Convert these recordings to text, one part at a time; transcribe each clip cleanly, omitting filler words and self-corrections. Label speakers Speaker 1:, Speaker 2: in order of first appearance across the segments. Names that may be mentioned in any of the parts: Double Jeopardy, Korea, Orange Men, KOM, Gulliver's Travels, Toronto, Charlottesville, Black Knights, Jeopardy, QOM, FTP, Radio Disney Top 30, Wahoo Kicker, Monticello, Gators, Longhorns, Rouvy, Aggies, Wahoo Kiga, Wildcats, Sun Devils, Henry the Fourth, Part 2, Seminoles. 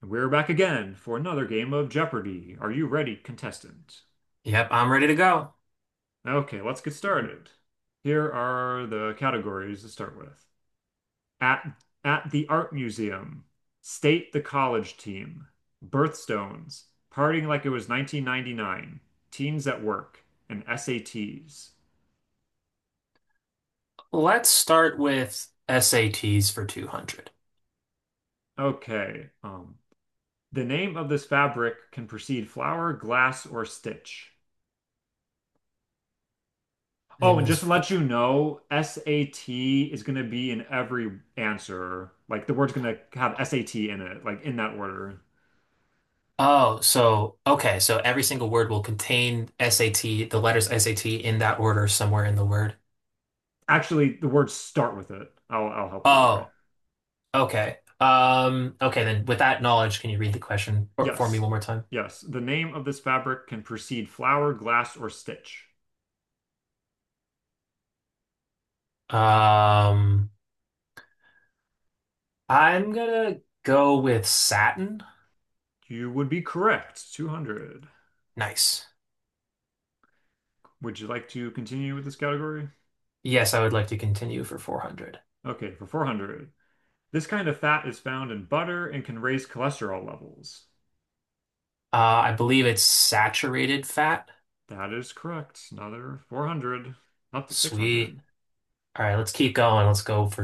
Speaker 1: We're back again for another game of Jeopardy! Are you ready, contestant?
Speaker 2: Yep, I'm ready to go.
Speaker 1: Okay, let's get started. Here are the categories to start with. At at the art museum, state the college team, birthstones, partying like it was 1999, teens at work, and SATs.
Speaker 2: Let's start with SATs for 200.
Speaker 1: Okay, the name of this fabric can precede flower, glass, or stitch.
Speaker 2: The
Speaker 1: Oh,
Speaker 2: name of
Speaker 1: and just to
Speaker 2: this.
Speaker 1: let you know, SAT is going to be in every answer. Like the word's going to have SAT in it, like in that order.
Speaker 2: Okay. So every single word will contain SAT, the letters SAT in that order somewhere in the word.
Speaker 1: Actually, the words start with it. I'll help you there.
Speaker 2: Oh, okay. Okay, then with that knowledge, can you read the question for me
Speaker 1: Yes.
Speaker 2: one more time?
Speaker 1: Yes. The name of this fabric can precede flower, glass, or stitch.
Speaker 2: Um, I'm gonna go with satin.
Speaker 1: You would be correct. 200.
Speaker 2: Nice.
Speaker 1: Would you like to continue with this category?
Speaker 2: Yes, I would like to continue for 400.
Speaker 1: Okay, for 400. This kind of fat is found in butter and can raise cholesterol levels.
Speaker 2: I believe it's saturated fat.
Speaker 1: That is correct. Another 400, up to
Speaker 2: Sweet.
Speaker 1: 600.
Speaker 2: All right, let's keep going. Let's go for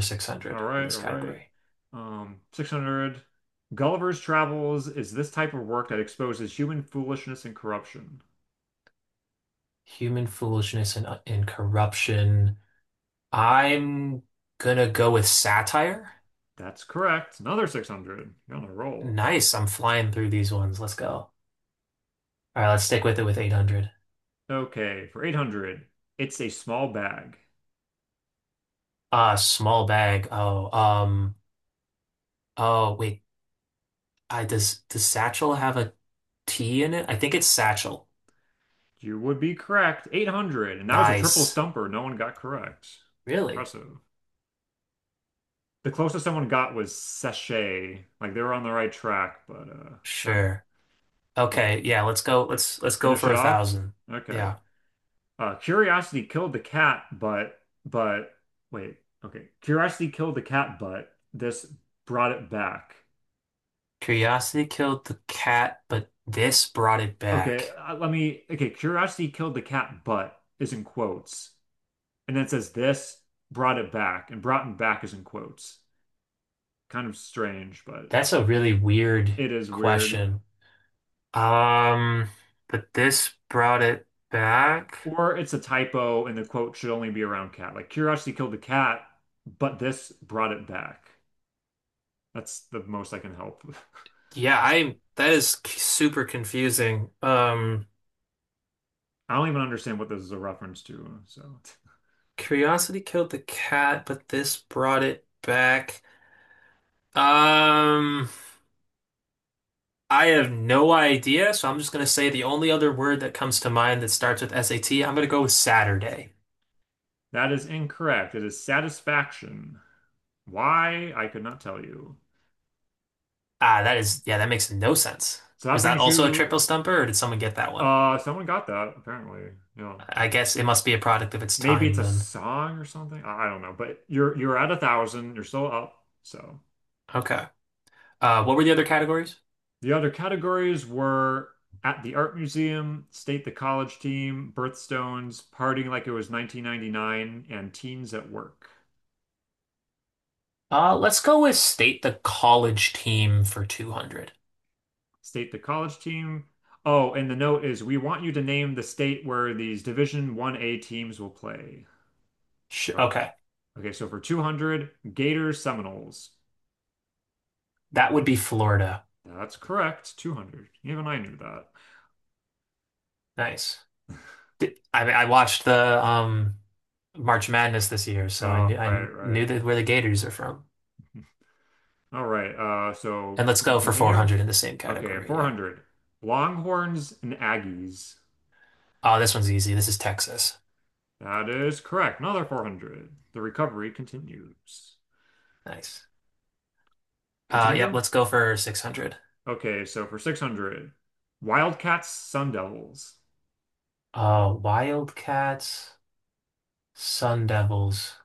Speaker 1: All
Speaker 2: 600 in
Speaker 1: right,
Speaker 2: this
Speaker 1: all right.
Speaker 2: category.
Speaker 1: 600. Gulliver's Travels is this type of work that exposes human foolishness and corruption.
Speaker 2: Human foolishness and corruption. I'm gonna go with satire.
Speaker 1: That's correct. Another 600. You're on a roll.
Speaker 2: Nice, I'm flying through these ones. Let's go. All right, let's stick with it with 800.
Speaker 1: Okay, for 800. It's a small bag.
Speaker 2: Small bag. Oh, oh, wait. I does satchel have a T in it? I think it's satchel.
Speaker 1: You would be correct. 800. And that was a triple
Speaker 2: Nice.
Speaker 1: stumper. No one got correct.
Speaker 2: Really?
Speaker 1: Impressive. The closest someone got was sachet. Like they were on the right track, but fair-
Speaker 2: Sure.
Speaker 1: okay.
Speaker 2: Okay, yeah, let's go. Let's go
Speaker 1: Finish
Speaker 2: for
Speaker 1: it
Speaker 2: a
Speaker 1: off.
Speaker 2: thousand.
Speaker 1: Okay.
Speaker 2: Yeah.
Speaker 1: Curiosity killed the cat, but wait, okay. Curiosity killed the cat, but this brought it back.
Speaker 2: Curiosity killed the cat, but this brought it
Speaker 1: Okay,
Speaker 2: back.
Speaker 1: let me. Okay, curiosity killed the cat, but is in quotes, and then it says this brought it back, and brought it back is in quotes. Kind of strange, but
Speaker 2: That's a really weird
Speaker 1: it is weird.
Speaker 2: question. Um, but this brought it back.
Speaker 1: Or it's a typo, and the quote should only be around cat. Like curiosity killed the cat, but this brought it back. That's the most I can help. With.
Speaker 2: Yeah, I that is super confusing.
Speaker 1: I don't even understand what this is a reference to, so.
Speaker 2: Curiosity killed the cat, but this brought it back. Um, I have no idea, so I'm just gonna say the only other word that comes to mind that starts with S am gonna go with Saturday.
Speaker 1: That is incorrect. It is satisfaction. Why? I could not tell you.
Speaker 2: Ah, that is, yeah, that makes no sense.
Speaker 1: So that
Speaker 2: Was that
Speaker 1: brings
Speaker 2: also a
Speaker 1: you,
Speaker 2: triple stumper, or did someone get that one?
Speaker 1: someone got that apparently. Yeah.
Speaker 2: I guess it must be a product of its
Speaker 1: Maybe
Speaker 2: time
Speaker 1: it's a
Speaker 2: then.
Speaker 1: song or something. I don't know, but you're at 1,000. You're still up. So
Speaker 2: Okay. What were the other categories?
Speaker 1: the other categories were at the art museum, state the college team, birthstones, partying like it was 1999, and teens at work.
Speaker 2: Let's go with state the college team for 200.
Speaker 1: State the college team. Oh, and the note is we want you to name the state where these Division 1A teams will play.
Speaker 2: Sh
Speaker 1: So,
Speaker 2: okay.
Speaker 1: okay, so for 200, Gators Seminoles.
Speaker 2: That would be Florida.
Speaker 1: That's correct. 200. Even I knew that.
Speaker 2: Nice. I watched the March Madness this year, so
Speaker 1: Right,
Speaker 2: I knew
Speaker 1: right.
Speaker 2: that where the Gators are from.
Speaker 1: All right. So
Speaker 2: And let's
Speaker 1: we're going to
Speaker 2: go for
Speaker 1: continue.
Speaker 2: 400 in the same
Speaker 1: Okay,
Speaker 2: category. Yeah.
Speaker 1: 400. Longhorns and Aggies.
Speaker 2: Oh, this one's easy. This is Texas.
Speaker 1: That is correct. Another 400. The recovery continues.
Speaker 2: Nice. Yep,
Speaker 1: Continue?
Speaker 2: let's go for 600.
Speaker 1: Okay, so for 600, Wildcats, Sun Devils.
Speaker 2: Wildcats, Sun Devils.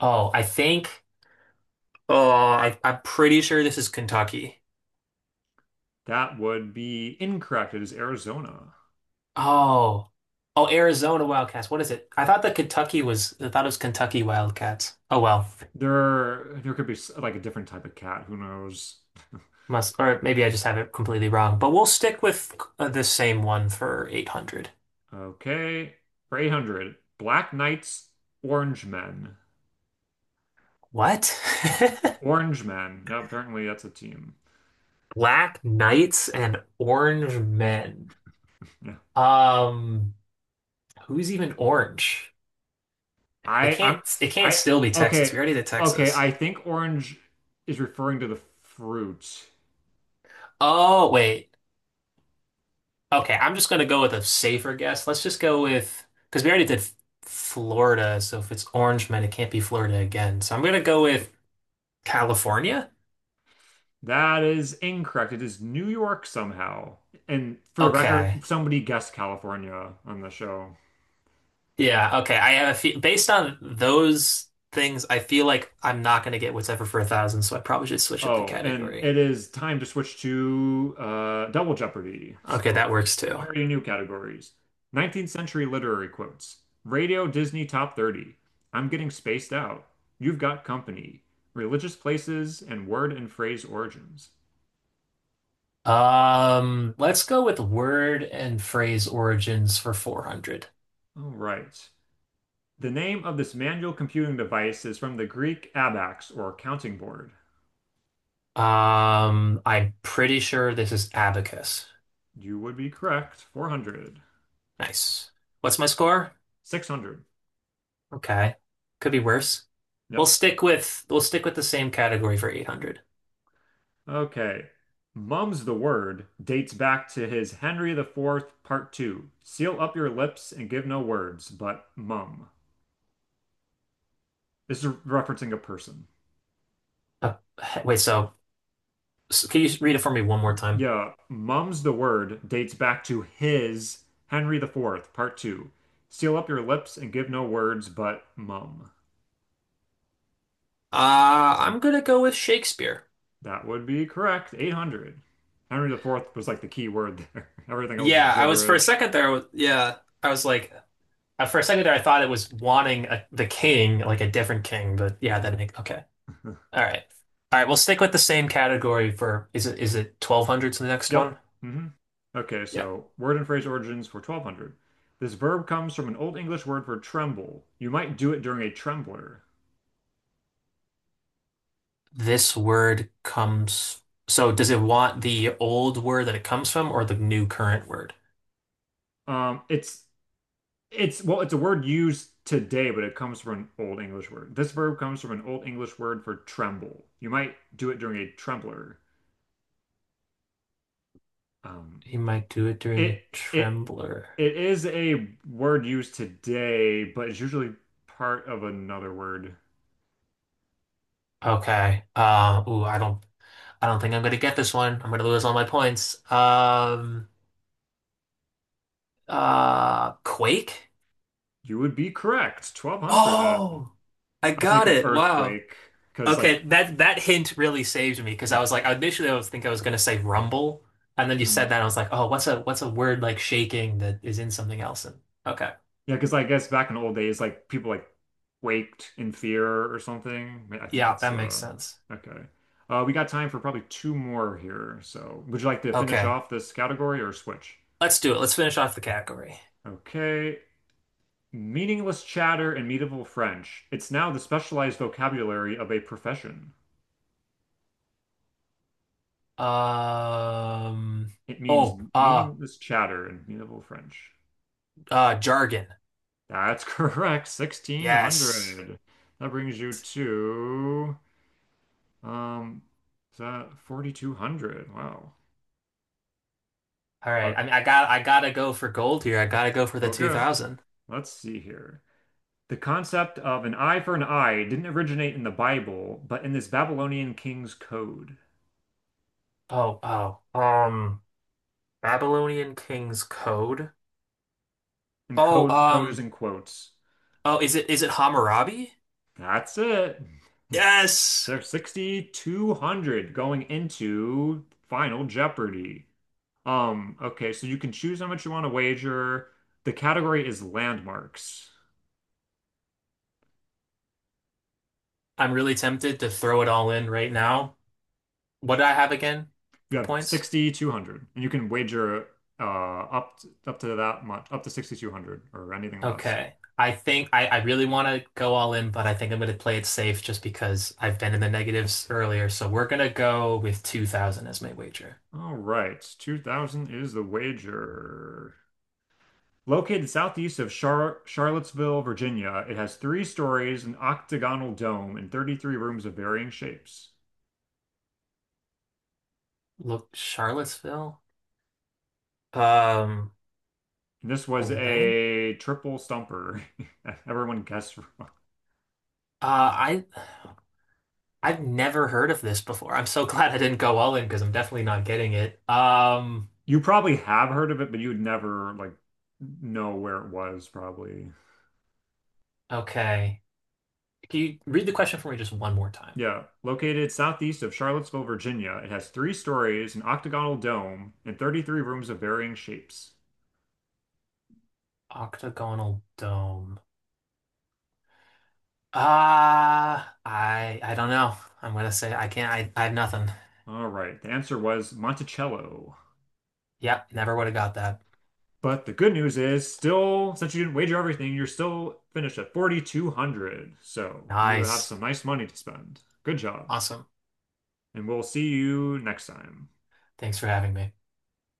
Speaker 2: Oh, I think. I'm pretty sure this is Kentucky.
Speaker 1: That would be incorrect. It is Arizona.
Speaker 2: Oh, oh, Arizona Wildcats. What is it? I thought that Kentucky was. I thought it was Kentucky Wildcats. Oh well,
Speaker 1: There could be like a different type of cat. Who knows?
Speaker 2: must or maybe I just have it completely wrong. But we'll stick with the same one for 800.
Speaker 1: Okay. For 800, Black Knights, Orange Men.
Speaker 2: What?
Speaker 1: Orange Men. No, apparently that's a team.
Speaker 2: Black Knights and Orange Men.
Speaker 1: Yeah.
Speaker 2: Um, Who's even orange? It
Speaker 1: I,
Speaker 2: can't.
Speaker 1: I'm,
Speaker 2: It can't
Speaker 1: I,
Speaker 2: still be Texas.
Speaker 1: okay.
Speaker 2: We already did
Speaker 1: Okay.
Speaker 2: Texas.
Speaker 1: I think orange is referring to the fruit.
Speaker 2: Oh, wait. Okay, I'm just gonna go with a safer guess. Let's just go with because we already did Florida, so if it's Orange Man, it can't be Florida again. So I'm gonna go with California.
Speaker 1: That is incorrect. It is New York somehow. And for the record,
Speaker 2: Okay.
Speaker 1: somebody guessed California on the show.
Speaker 2: Yeah, okay. I have a fe based on those things, I feel like I'm not gonna get what's ever for a thousand, so I probably should switch up the
Speaker 1: Oh, and it
Speaker 2: category.
Speaker 1: is time to switch to Double Jeopardy.
Speaker 2: Okay,
Speaker 1: So
Speaker 2: that
Speaker 1: here
Speaker 2: works too.
Speaker 1: are your new categories. 19th century literary quotes. Radio Disney Top 30. I'm getting spaced out. You've got company. Religious places and word and phrase origins.
Speaker 2: Let's go with word and phrase origins for 400.
Speaker 1: All right. The name of this manual computing device is from the Greek abax or counting board.
Speaker 2: I'm pretty sure this is abacus.
Speaker 1: You would be correct. 400.
Speaker 2: Nice. What's my score?
Speaker 1: 600.
Speaker 2: Okay. Could be worse.
Speaker 1: Nope.
Speaker 2: We'll stick with the same category for 800.
Speaker 1: Okay. Mum's the word dates back to his Henry IV, Part 2. Seal up your lips and give no words, but mum. This is referencing a person.
Speaker 2: Uh, wait, so, so can you read it for me one more time?
Speaker 1: Yeah, mum's the word dates back to his Henry the Fourth, Part 2. Seal up your lips and give no words, but mum.
Speaker 2: I'm gonna go with Shakespeare.
Speaker 1: That would be correct. 800. Henry IV was like the key word there. Everything else is
Speaker 2: Yeah, I was for a
Speaker 1: gibberish.
Speaker 2: second there. I was- Yeah, I was like, For a second there, I thought it was wanting a, the king, like a different king, but yeah, that makes okay. All right, all right. We'll stick with the same category for is it twelve hundreds the next
Speaker 1: Yep.
Speaker 2: one?
Speaker 1: hmm Okay,
Speaker 2: Yeah.
Speaker 1: so word and phrase origins for 1200. This verb comes from an Old English word for tremble. You might do it during a trembler.
Speaker 2: This word comes. So does it want the old word that it comes from or the new current word?
Speaker 1: Um, it's it's well, it's a word used today, but it comes from an Old English word. This verb comes from an Old English word for tremble. You might do it during a trembler. Um,
Speaker 2: He might do it during
Speaker 1: it
Speaker 2: a
Speaker 1: it
Speaker 2: trembler.
Speaker 1: it is a word used today, but it's usually part of another word.
Speaker 2: Okay. I don't think I'm gonna get this one. I'm gonna lose all my points. Quake?
Speaker 1: You would be correct. 1200. I
Speaker 2: Oh, I
Speaker 1: was
Speaker 2: got
Speaker 1: thinking
Speaker 2: it. Wow.
Speaker 1: earthquake because
Speaker 2: Okay,
Speaker 1: like
Speaker 2: that hint really saved me because I was like, initially I was gonna say rumble, and then you
Speaker 1: Mm.
Speaker 2: said that, and I was like, oh, what's a word like shaking that is in something else? And okay,
Speaker 1: Yeah, because I guess back in the old days, like people like waked in fear or something. I think
Speaker 2: yeah,
Speaker 1: that's
Speaker 2: that makes
Speaker 1: the
Speaker 2: sense.
Speaker 1: okay. We got time for probably two more here. So, would you like to finish
Speaker 2: Okay,
Speaker 1: off this category or switch?
Speaker 2: let's do it. Let's finish off the category.
Speaker 1: Okay. Meaningless chatter and medieval French. It's now the specialized vocabulary of a profession.
Speaker 2: Um,
Speaker 1: It means
Speaker 2: oh, uh,
Speaker 1: meaningless chatter and medieval French.
Speaker 2: Jargon.
Speaker 1: That's correct.
Speaker 2: Yes.
Speaker 1: 1600. That brings you to Um, is that 4,200? Wow.
Speaker 2: All right. I
Speaker 1: Okay.
Speaker 2: mean, I gotta go for gold here. I gotta go for the
Speaker 1: okay.
Speaker 2: 2000.
Speaker 1: Let's see here. The concept of an eye for an eye didn't originate in the Bible, but in this Babylonian king's code.
Speaker 2: Oh, oh, um, Babylonian King's Code.
Speaker 1: And
Speaker 2: Oh,
Speaker 1: code is
Speaker 2: um,
Speaker 1: in quotes.
Speaker 2: oh, is it Hammurabi?
Speaker 1: That's it.
Speaker 2: Yes.
Speaker 1: They're 6,200 going into Final Jeopardy. Okay, so you can choose how much you want to wager. The category is landmarks.
Speaker 2: I'm really tempted to throw it all in right now. What do I have again
Speaker 1: You
Speaker 2: for
Speaker 1: have
Speaker 2: points?
Speaker 1: 6,200, and you can wager up to that much, up to 6,200 or anything less.
Speaker 2: Okay. I think I really want to go all in, but I think I'm going to play it safe just because I've been in the negatives earlier. So we're going to go with 2000 as my wager.
Speaker 1: All right, 2000 is the wager. Located southeast of Charlottesville, Virginia, it has three stories, an octagonal dome, and 33 rooms of varying shapes.
Speaker 2: Look, Charlottesville? Um,
Speaker 1: And this was
Speaker 2: Lynn?
Speaker 1: a triple stumper. Everyone guessed wrong.
Speaker 2: Uh, I I've never heard of this before. I'm so glad I didn't go all in because I'm definitely not getting it.
Speaker 1: You probably have heard of it, but you'd never like know where it was, probably.
Speaker 2: Okay. Can you read the question for me just one more time?
Speaker 1: Yeah, located southeast of Charlottesville, Virginia, it has three stories, an octagonal dome, and 33 rooms of varying shapes.
Speaker 2: Octagonal dome. Ah, I don't know. I'm gonna say I can't. I have nothing.
Speaker 1: All right, the answer was Monticello.
Speaker 2: Yep, never would have got that.
Speaker 1: But the good news is, still, since you didn't wager everything, you're still finished at 4,200. So you have
Speaker 2: Nice.
Speaker 1: some nice money to spend. Good job.
Speaker 2: Awesome.
Speaker 1: And we'll see you next time.
Speaker 2: Thanks for having me.